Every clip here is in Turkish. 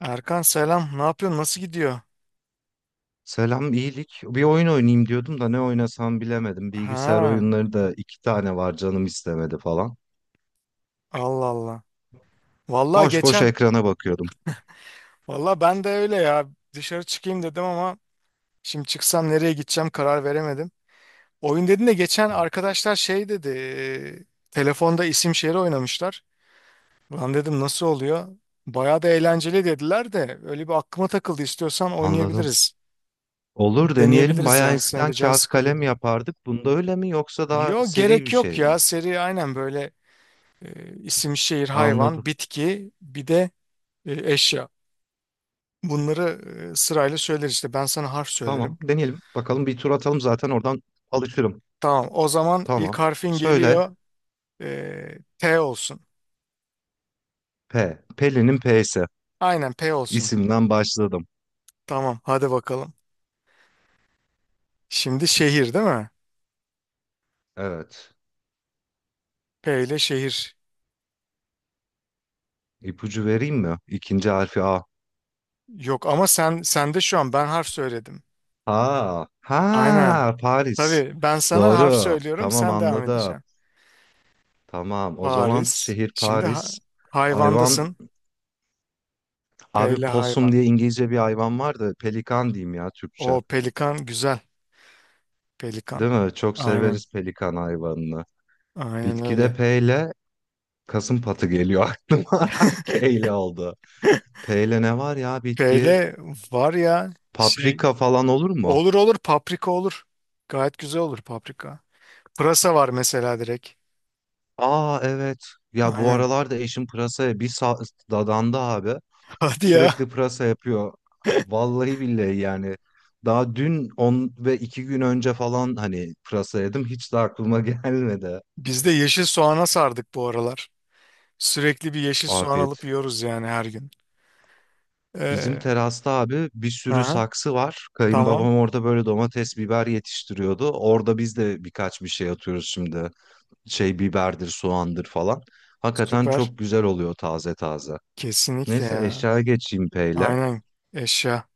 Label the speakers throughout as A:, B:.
A: Erkan selam. Ne yapıyorsun? Nasıl gidiyor?
B: Selam, iyilik. Bir oyun oynayayım diyordum da ne oynasam bilemedim. Bilgisayar
A: Ha,
B: oyunları da iki tane var, canım istemedi falan.
A: Allah Allah. Vallahi
B: Boş boş
A: geçen,
B: ekrana bakıyordum.
A: vallahi ben de öyle ya. Dışarı çıkayım dedim ama şimdi çıksam nereye gideceğim karar veremedim. Oyun dedin de geçen
B: Hı.
A: arkadaşlar şey dedi. Telefonda isim şehri oynamışlar. Lan dedim nasıl oluyor? Bayağı da eğlenceli dediler de öyle bir aklıma takıldı. İstiyorsan
B: Anladım.
A: oynayabiliriz. Bir
B: Olur, deneyelim.
A: deneyebiliriz
B: Bayağı
A: yani. Senin de
B: eskiden
A: canın
B: kağıt
A: sıkılıyor.
B: kalem yapardık. Bunda öyle mi, yoksa daha
A: Yo
B: seri bir
A: gerek
B: şey
A: yok
B: mi?
A: ya. Seri aynen böyle isim şehir
B: Anladım.
A: hayvan bitki bir de eşya. Bunları sırayla söyler işte. Ben sana harf söylerim.
B: Tamam, deneyelim. Bakalım, bir tur atalım zaten oradan alışırım.
A: Tamam. O zaman ilk
B: Tamam.
A: harfin
B: Söyle.
A: geliyor. P olsun.
B: P. Pelin'in P'si.
A: Aynen P olsun.
B: İsimden başladım.
A: Tamam. Hadi bakalım. Şimdi şehir değil mi?
B: Evet.
A: P ile şehir.
B: İpucu vereyim mi? İkinci harfi A.
A: Yok ama sen de şu an ben harf söyledim.
B: Ha,
A: Aynen.
B: ha, Paris.
A: Tabii ben sana harf
B: Doğru.
A: söylüyorum.
B: Tamam,
A: Sen devam
B: anladım.
A: edeceksin.
B: Tamam. O zaman
A: Paris.
B: şehir
A: Şimdi
B: Paris. Hayvan,
A: hayvandasın. P
B: abi,
A: ile
B: possum
A: hayvan.
B: diye İngilizce bir hayvan var da pelikan diyeyim ya,
A: O
B: Türkçe.
A: pelikan güzel. Pelikan.
B: Değil mi? Çok
A: Aynen.
B: severiz pelikan hayvanını.
A: Aynen
B: Bitkide
A: öyle.
B: P ile kasımpatı geliyor aklıma. K ile oldu. P ile ne var ya bitki?
A: Şöyle var ya şey
B: Paprika falan olur mu?
A: olur, olur paprika olur. Gayet güzel olur paprika. Pırasa var mesela direkt.
B: Aa, evet. Ya bu
A: Aynen.
B: aralar da eşim pırasaya bir dadandı abi.
A: Hadi ya.
B: Sürekli pırasa yapıyor. Vallahi billahi yani. Daha dün 10 ve 2 gün önce falan hani pırasa yedim. Hiç de aklıma gelmedi.
A: Biz de yeşil soğana sardık bu aralar. Sürekli bir yeşil soğan alıp
B: Afiyet.
A: yiyoruz yani her gün.
B: Bizim
A: Ee,
B: terasta abi bir sürü
A: aha,
B: saksı var.
A: tamam.
B: Kayınbabam orada böyle domates, biber yetiştiriyordu. Orada biz de birkaç bir şey atıyoruz şimdi. Şey, biberdir, soğandır falan. Hakikaten
A: Süper.
B: çok güzel oluyor, taze taze.
A: Kesinlikle
B: Neyse,
A: ya.
B: eşyaya geçeyim peyle.
A: Aynen. Eşya.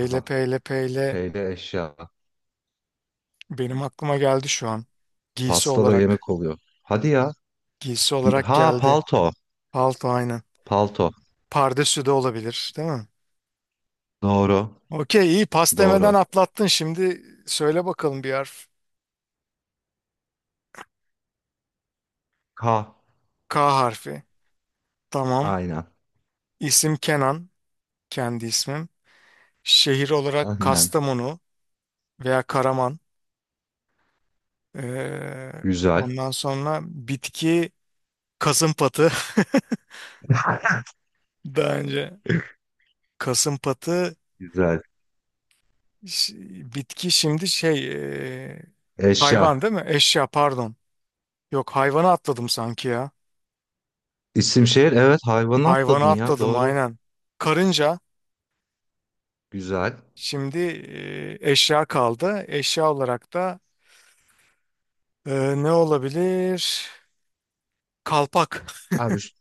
B: Aha,
A: peyle peyle.
B: peyle eşya.
A: Benim aklıma geldi şu an. Giysi
B: Pasta da
A: olarak.
B: yemek oluyor. Hadi ya.
A: Giysi olarak
B: Ha,
A: geldi.
B: palto.
A: Palto aynen.
B: Palto.
A: Pardesü de olabilir, değil mi?
B: Doğru.
A: Okey, iyi, pas demeden
B: Doğru.
A: atlattın. Şimdi söyle bakalım bir harf.
B: K.
A: K harfi. Tamam.
B: Aynen.
A: İsim Kenan. Kendi ismim. Şehir olarak
B: Aynen.
A: Kastamonu veya Karaman. Ee,
B: Güzel.
A: ondan sonra bitki kasımpatı. Daha önce kasımpatı
B: Güzel.
A: ş- bitki şimdi şey ee,
B: Eşya.
A: hayvan değil mi? Eşya pardon. Yok, hayvanı atladım sanki ya.
B: İsim şehir. Evet, hayvanı
A: Hayvanı
B: atladın ya.
A: atladım
B: Doğru.
A: aynen. Karınca.
B: Güzel.
A: Şimdi eşya kaldı. Eşya olarak da e, ne olabilir? Kalpak.
B: Abi,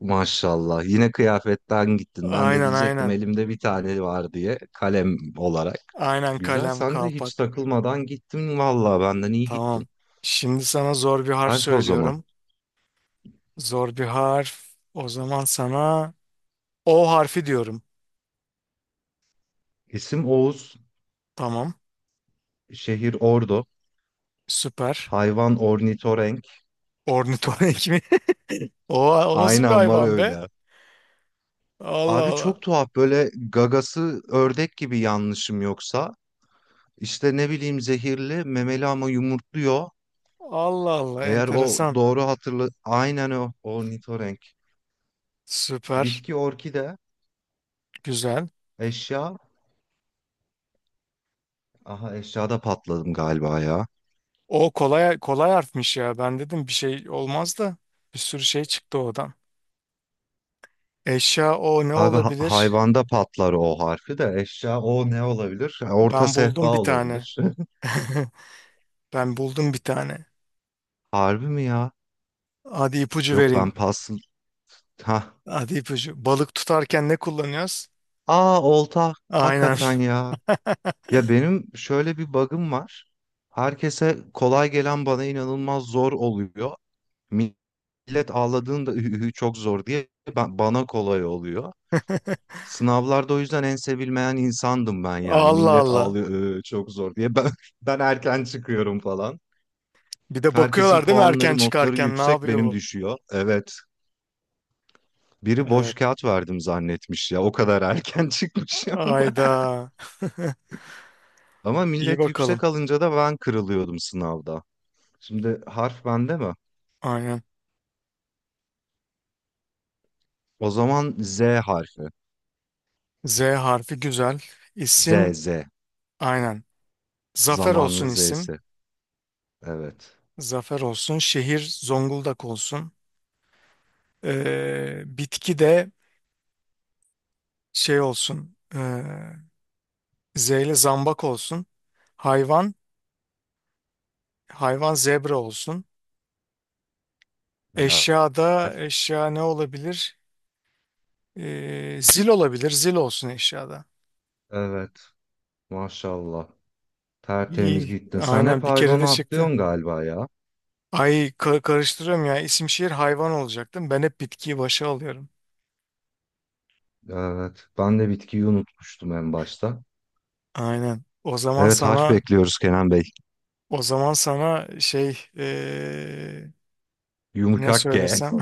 B: maşallah. Yine kıyafetten gittin. Ben de
A: Aynen
B: diyecektim
A: aynen.
B: elimde bir tane var diye. Kalem olarak.
A: Aynen
B: Güzel.
A: kalem
B: Sen de hiç
A: kalpak.
B: takılmadan gittin. Vallahi benden iyi
A: Tamam.
B: gittin.
A: Şimdi sana zor bir harf
B: Harf o zaman.
A: söylüyorum. Zor bir harf. O zaman sana O harfi diyorum.
B: İsim Oğuz.
A: Tamam.
B: Şehir Ordu.
A: Süper.
B: Hayvan ornitorenk.
A: Ornitorenk mi? O, o nasıl bir
B: Aynen, var
A: hayvan be?
B: öyle.
A: Allah
B: Abi,
A: Allah.
B: çok tuhaf, böyle gagası ördek gibi, yanlışım yoksa. İşte ne bileyim, zehirli memeli ama yumurtluyor.
A: Allah Allah.
B: Eğer o
A: Enteresan.
B: doğru hatırlı, aynen, o ornitorenk.
A: Süper.
B: Bitki orkide.
A: Güzel.
B: Eşya. Aha, eşyada patladım galiba ya.
A: O kolay kolay harfmiş ya. Ben dedim bir şey olmaz da bir sürü şey çıktı oradan. Eşya o ne
B: Abi,
A: olabilir?
B: hayvanda patlar o harfi de, eşya o ne olabilir? Orta
A: Ben
B: sehpa
A: buldum bir tane.
B: olabilir.
A: Ben buldum bir tane.
B: Harbi mi ya?
A: Hadi ipucu
B: Yok,
A: vereyim.
B: ben pas. Ha.
A: Hadi ipucu. Balık tutarken ne kullanıyoruz?
B: Aa, olta.
A: Aynen.
B: Hakikaten ya. Ya, benim şöyle bir bug'ım var. Herkese kolay gelen bana inanılmaz zor oluyor. Millet ağladığında "Üh, üh, üh, çok zor" diye, ben, bana kolay oluyor. Sınavlarda o yüzden en sevilmeyen insandım ben yani.
A: Allah
B: Millet
A: Allah.
B: ağlıyor "Ö, çok zor" diye. Ben, ben erken çıkıyorum falan.
A: Bir de
B: Herkesin
A: bakıyorlar değil mi, erken
B: puanları, notları
A: çıkarken ne
B: yüksek,
A: yapıyor
B: benim
A: bu?
B: düşüyor. Evet, biri boş
A: Evet.
B: kağıt verdim zannetmiş ya. O kadar erken çıkmışım.
A: Ayda.
B: Ama
A: İyi
B: millet
A: bakalım.
B: yüksek alınca da ben kırılıyordum sınavda. Şimdi harf bende mi?
A: Aynen.
B: O zaman Z harfi.
A: Z harfi güzel.
B: Z,
A: İsim
B: Z.
A: aynen. Zafer
B: Zamanın
A: olsun isim.
B: Z'si. Evet.
A: Zafer olsun, şehir Zonguldak olsun, bitki de şey olsun, Z ile zambak olsun, hayvan, hayvan zebra olsun,
B: Helal.
A: eşya da eşya ne olabilir? Zil olabilir, zil olsun eşyada.
B: Evet. Maşallah. Tertemiz
A: İyi,
B: gittin. Sen hep
A: aynen bir kere de
B: hayvanı
A: çıktı.
B: atlıyorsun galiba ya.
A: Ay, karıştırıyorum ya, isim şehir hayvan olacaktım, ben hep bitkiyi başa alıyorum.
B: Evet. Ben de bitkiyi unutmuştum en başta.
A: Aynen,
B: Evet, harf bekliyoruz Kenan Bey.
A: o zaman sana şey, ne
B: Yumuşak G.
A: söylesem?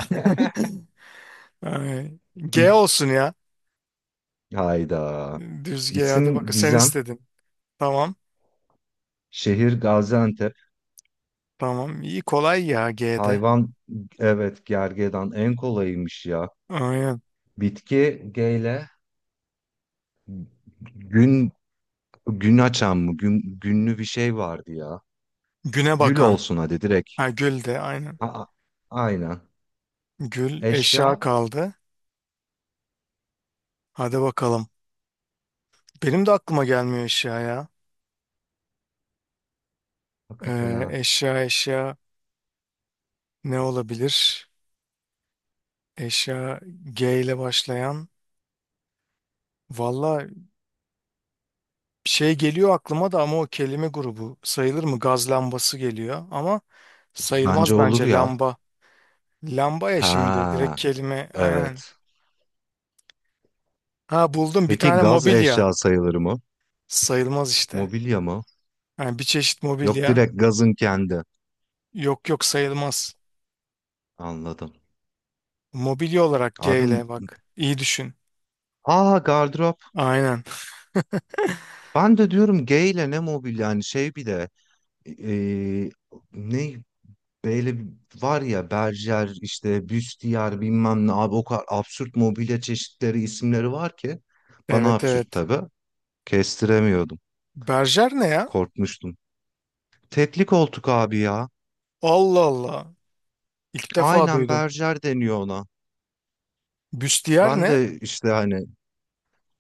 A: Ay, G olsun ya.
B: Hayda.
A: Düz G, hadi
B: İsim
A: bak sen
B: Gizem.
A: istedin. Tamam.
B: Şehir Gaziantep.
A: Tamam. İyi, kolay ya G'de.
B: Hayvan, evet gergedan en kolayıymış ya.
A: Aynen.
B: Bitki G ile gün. Gün açan mı? Gün, günlü bir şey vardı ya.
A: Güne
B: Gül
A: bakan.
B: olsun hadi direkt.
A: Ha, gül de aynen.
B: Aa, aynen.
A: Gül eşya
B: Eşya,
A: kaldı. Hadi bakalım. Benim de aklıma gelmiyor eşya ya.
B: hakikaten ha.
A: Eşya ne olabilir? Eşya G ile başlayan. Valla şey geliyor aklıma da, ama o kelime grubu sayılır mı? Gaz lambası geliyor ama
B: Bence
A: sayılmaz
B: olur
A: bence
B: ya.
A: lamba. Lamba ya şimdi direkt
B: Ha,
A: kelime aynen.
B: evet.
A: Ha, buldum bir
B: Peki
A: tane
B: gaz
A: mobilya.
B: eşya sayılır mı?
A: Sayılmaz işte.
B: Mobilya mı?
A: Yani bir çeşit
B: Yok,
A: mobilya.
B: direkt gazın kendi.
A: Yok yok, sayılmaz.
B: Anladım.
A: Mobilya olarak G
B: Abim,
A: ile bak. İyi düşün.
B: aa, gardırop.
A: Aynen.
B: Ben de diyorum G ile ne mobilya yani, şey bir de e, e, ne, böyle var ya Berger, işte Büstiyar bilmem ne, abi o kadar absürt mobilya çeşitleri, isimleri var ki bana
A: Evet
B: absürt
A: evet.
B: tabii. Kestiremiyordum.
A: Berjer ne ya?
B: Korkmuştum. Tekli koltuk abi ya.
A: Allah Allah. İlk defa
B: Aynen,
A: duydum.
B: Berger deniyor ona.
A: Büstiyer
B: Ben
A: ne?
B: de işte hani,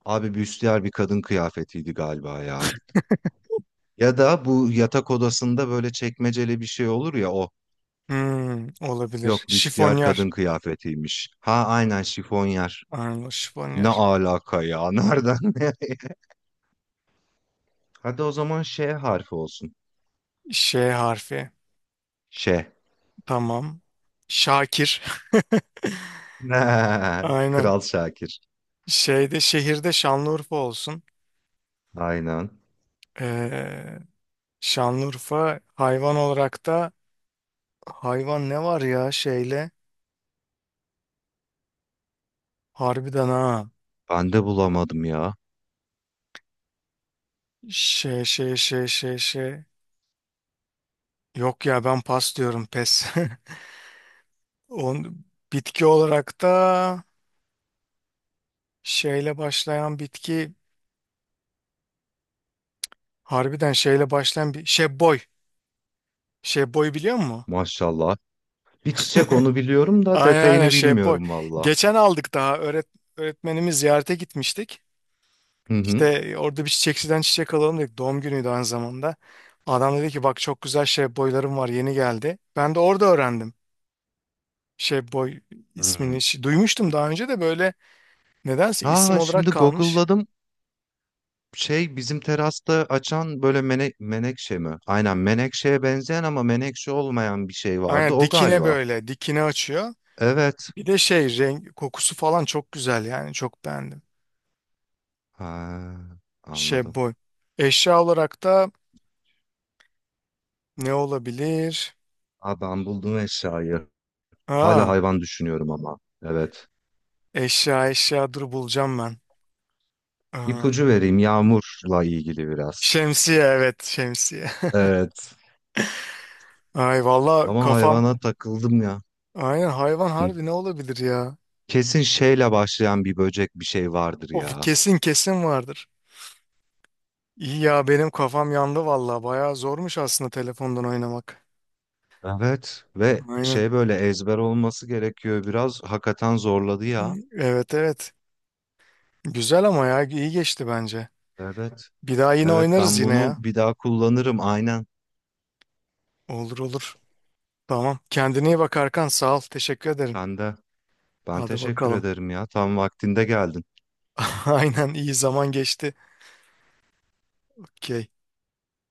B: abi Büstiyar bir kadın kıyafetiydi galiba ya. Ya da bu yatak odasında böyle çekmeceli bir şey olur ya, o.
A: Hmm, olabilir.
B: Yok, Büstiyar
A: Şifonyer.
B: kadın kıyafetiymiş. Ha, aynen, şifonyer.
A: Aynen
B: Ne
A: şifonyer.
B: alaka ya? Nereden? Hadi o zaman Ş harfi olsun.
A: Ş harfi.
B: Ş.
A: Tamam. Şakir. Aynen.
B: Kral Şakir.
A: Şeyde, şehirde Şanlıurfa olsun.
B: Aynen.
A: Ee, Şanlıurfa, hayvan olarak da hayvan ne var ya şeyle, harbiden ha
B: Ben de bulamadım ya.
A: şey yok ya, ben pas diyorum, pes. On, bitki olarak da şeyle başlayan bitki, harbiden şeyle başlayan bir şey boy, şey boy biliyor musun?
B: Maşallah. Bir çiçek, onu biliyorum da
A: Aynen aynen
B: detayını
A: şey boy
B: bilmiyorum valla.
A: geçen aldık, daha öğret öğretmenimiz ziyarete gitmiştik.
B: Hı
A: İşte
B: hı.
A: orada bir çiçekçiden çiçek alalım dedik. Doğum günüydü aynı zamanda. Adam dedi ki, bak çok güzel şey boylarım var yeni geldi. Ben de orada öğrendim. Şey boy
B: Hmm.
A: ismini duymuştum daha önce de, böyle nedense isim
B: Aa,
A: olarak
B: şimdi
A: kalmış.
B: Google'ladım. Şey, bizim terasta açan böyle menekşe mi? Aynen, menekşeye benzeyen ama menekşe olmayan bir şey vardı.
A: Aynen
B: O
A: dikine,
B: galiba.
A: böyle dikine açıyor.
B: Evet.
A: Bir de şey renk kokusu falan çok güzel yani, çok beğendim.
B: Ha,
A: Şey
B: anladım.
A: boy. Eşya olarak da ne olabilir?
B: Aa, ben buldum eşyayı. Hala
A: Aa,
B: hayvan düşünüyorum ama. Evet.
A: eşya dur, bulacağım ben. Aa,
B: İpucu vereyim, yağmurla ilgili biraz.
A: şemsiye, evet şemsiye.
B: Evet.
A: Ay valla
B: Ama
A: kafam.
B: hayvana takıldım ya.
A: Aynen, hayvan
B: Hı.
A: harbi ne olabilir ya?
B: Kesin şeyle başlayan bir böcek bir şey vardır
A: Of,
B: ya.
A: kesin kesin vardır. İyi ya, benim kafam yandı valla. Bayağı zormuş aslında telefondan oynamak.
B: Evet, ve
A: Aynen.
B: şey, böyle ezber olması gerekiyor biraz. Hakikaten zorladı ya.
A: Evet evet. Güzel ama ya, iyi geçti bence.
B: Evet.
A: Bir daha yine
B: Evet,
A: oynarız
B: ben
A: yine
B: bunu
A: ya.
B: bir daha kullanırım aynen.
A: Olur olur. Tamam. Kendine iyi bak Arkan. Sağ ol. Teşekkür ederim.
B: Sen de. Ben
A: Hadi
B: teşekkür
A: bakalım.
B: ederim ya. Tam vaktinde geldin.
A: Aynen, iyi zaman geçti. Okey.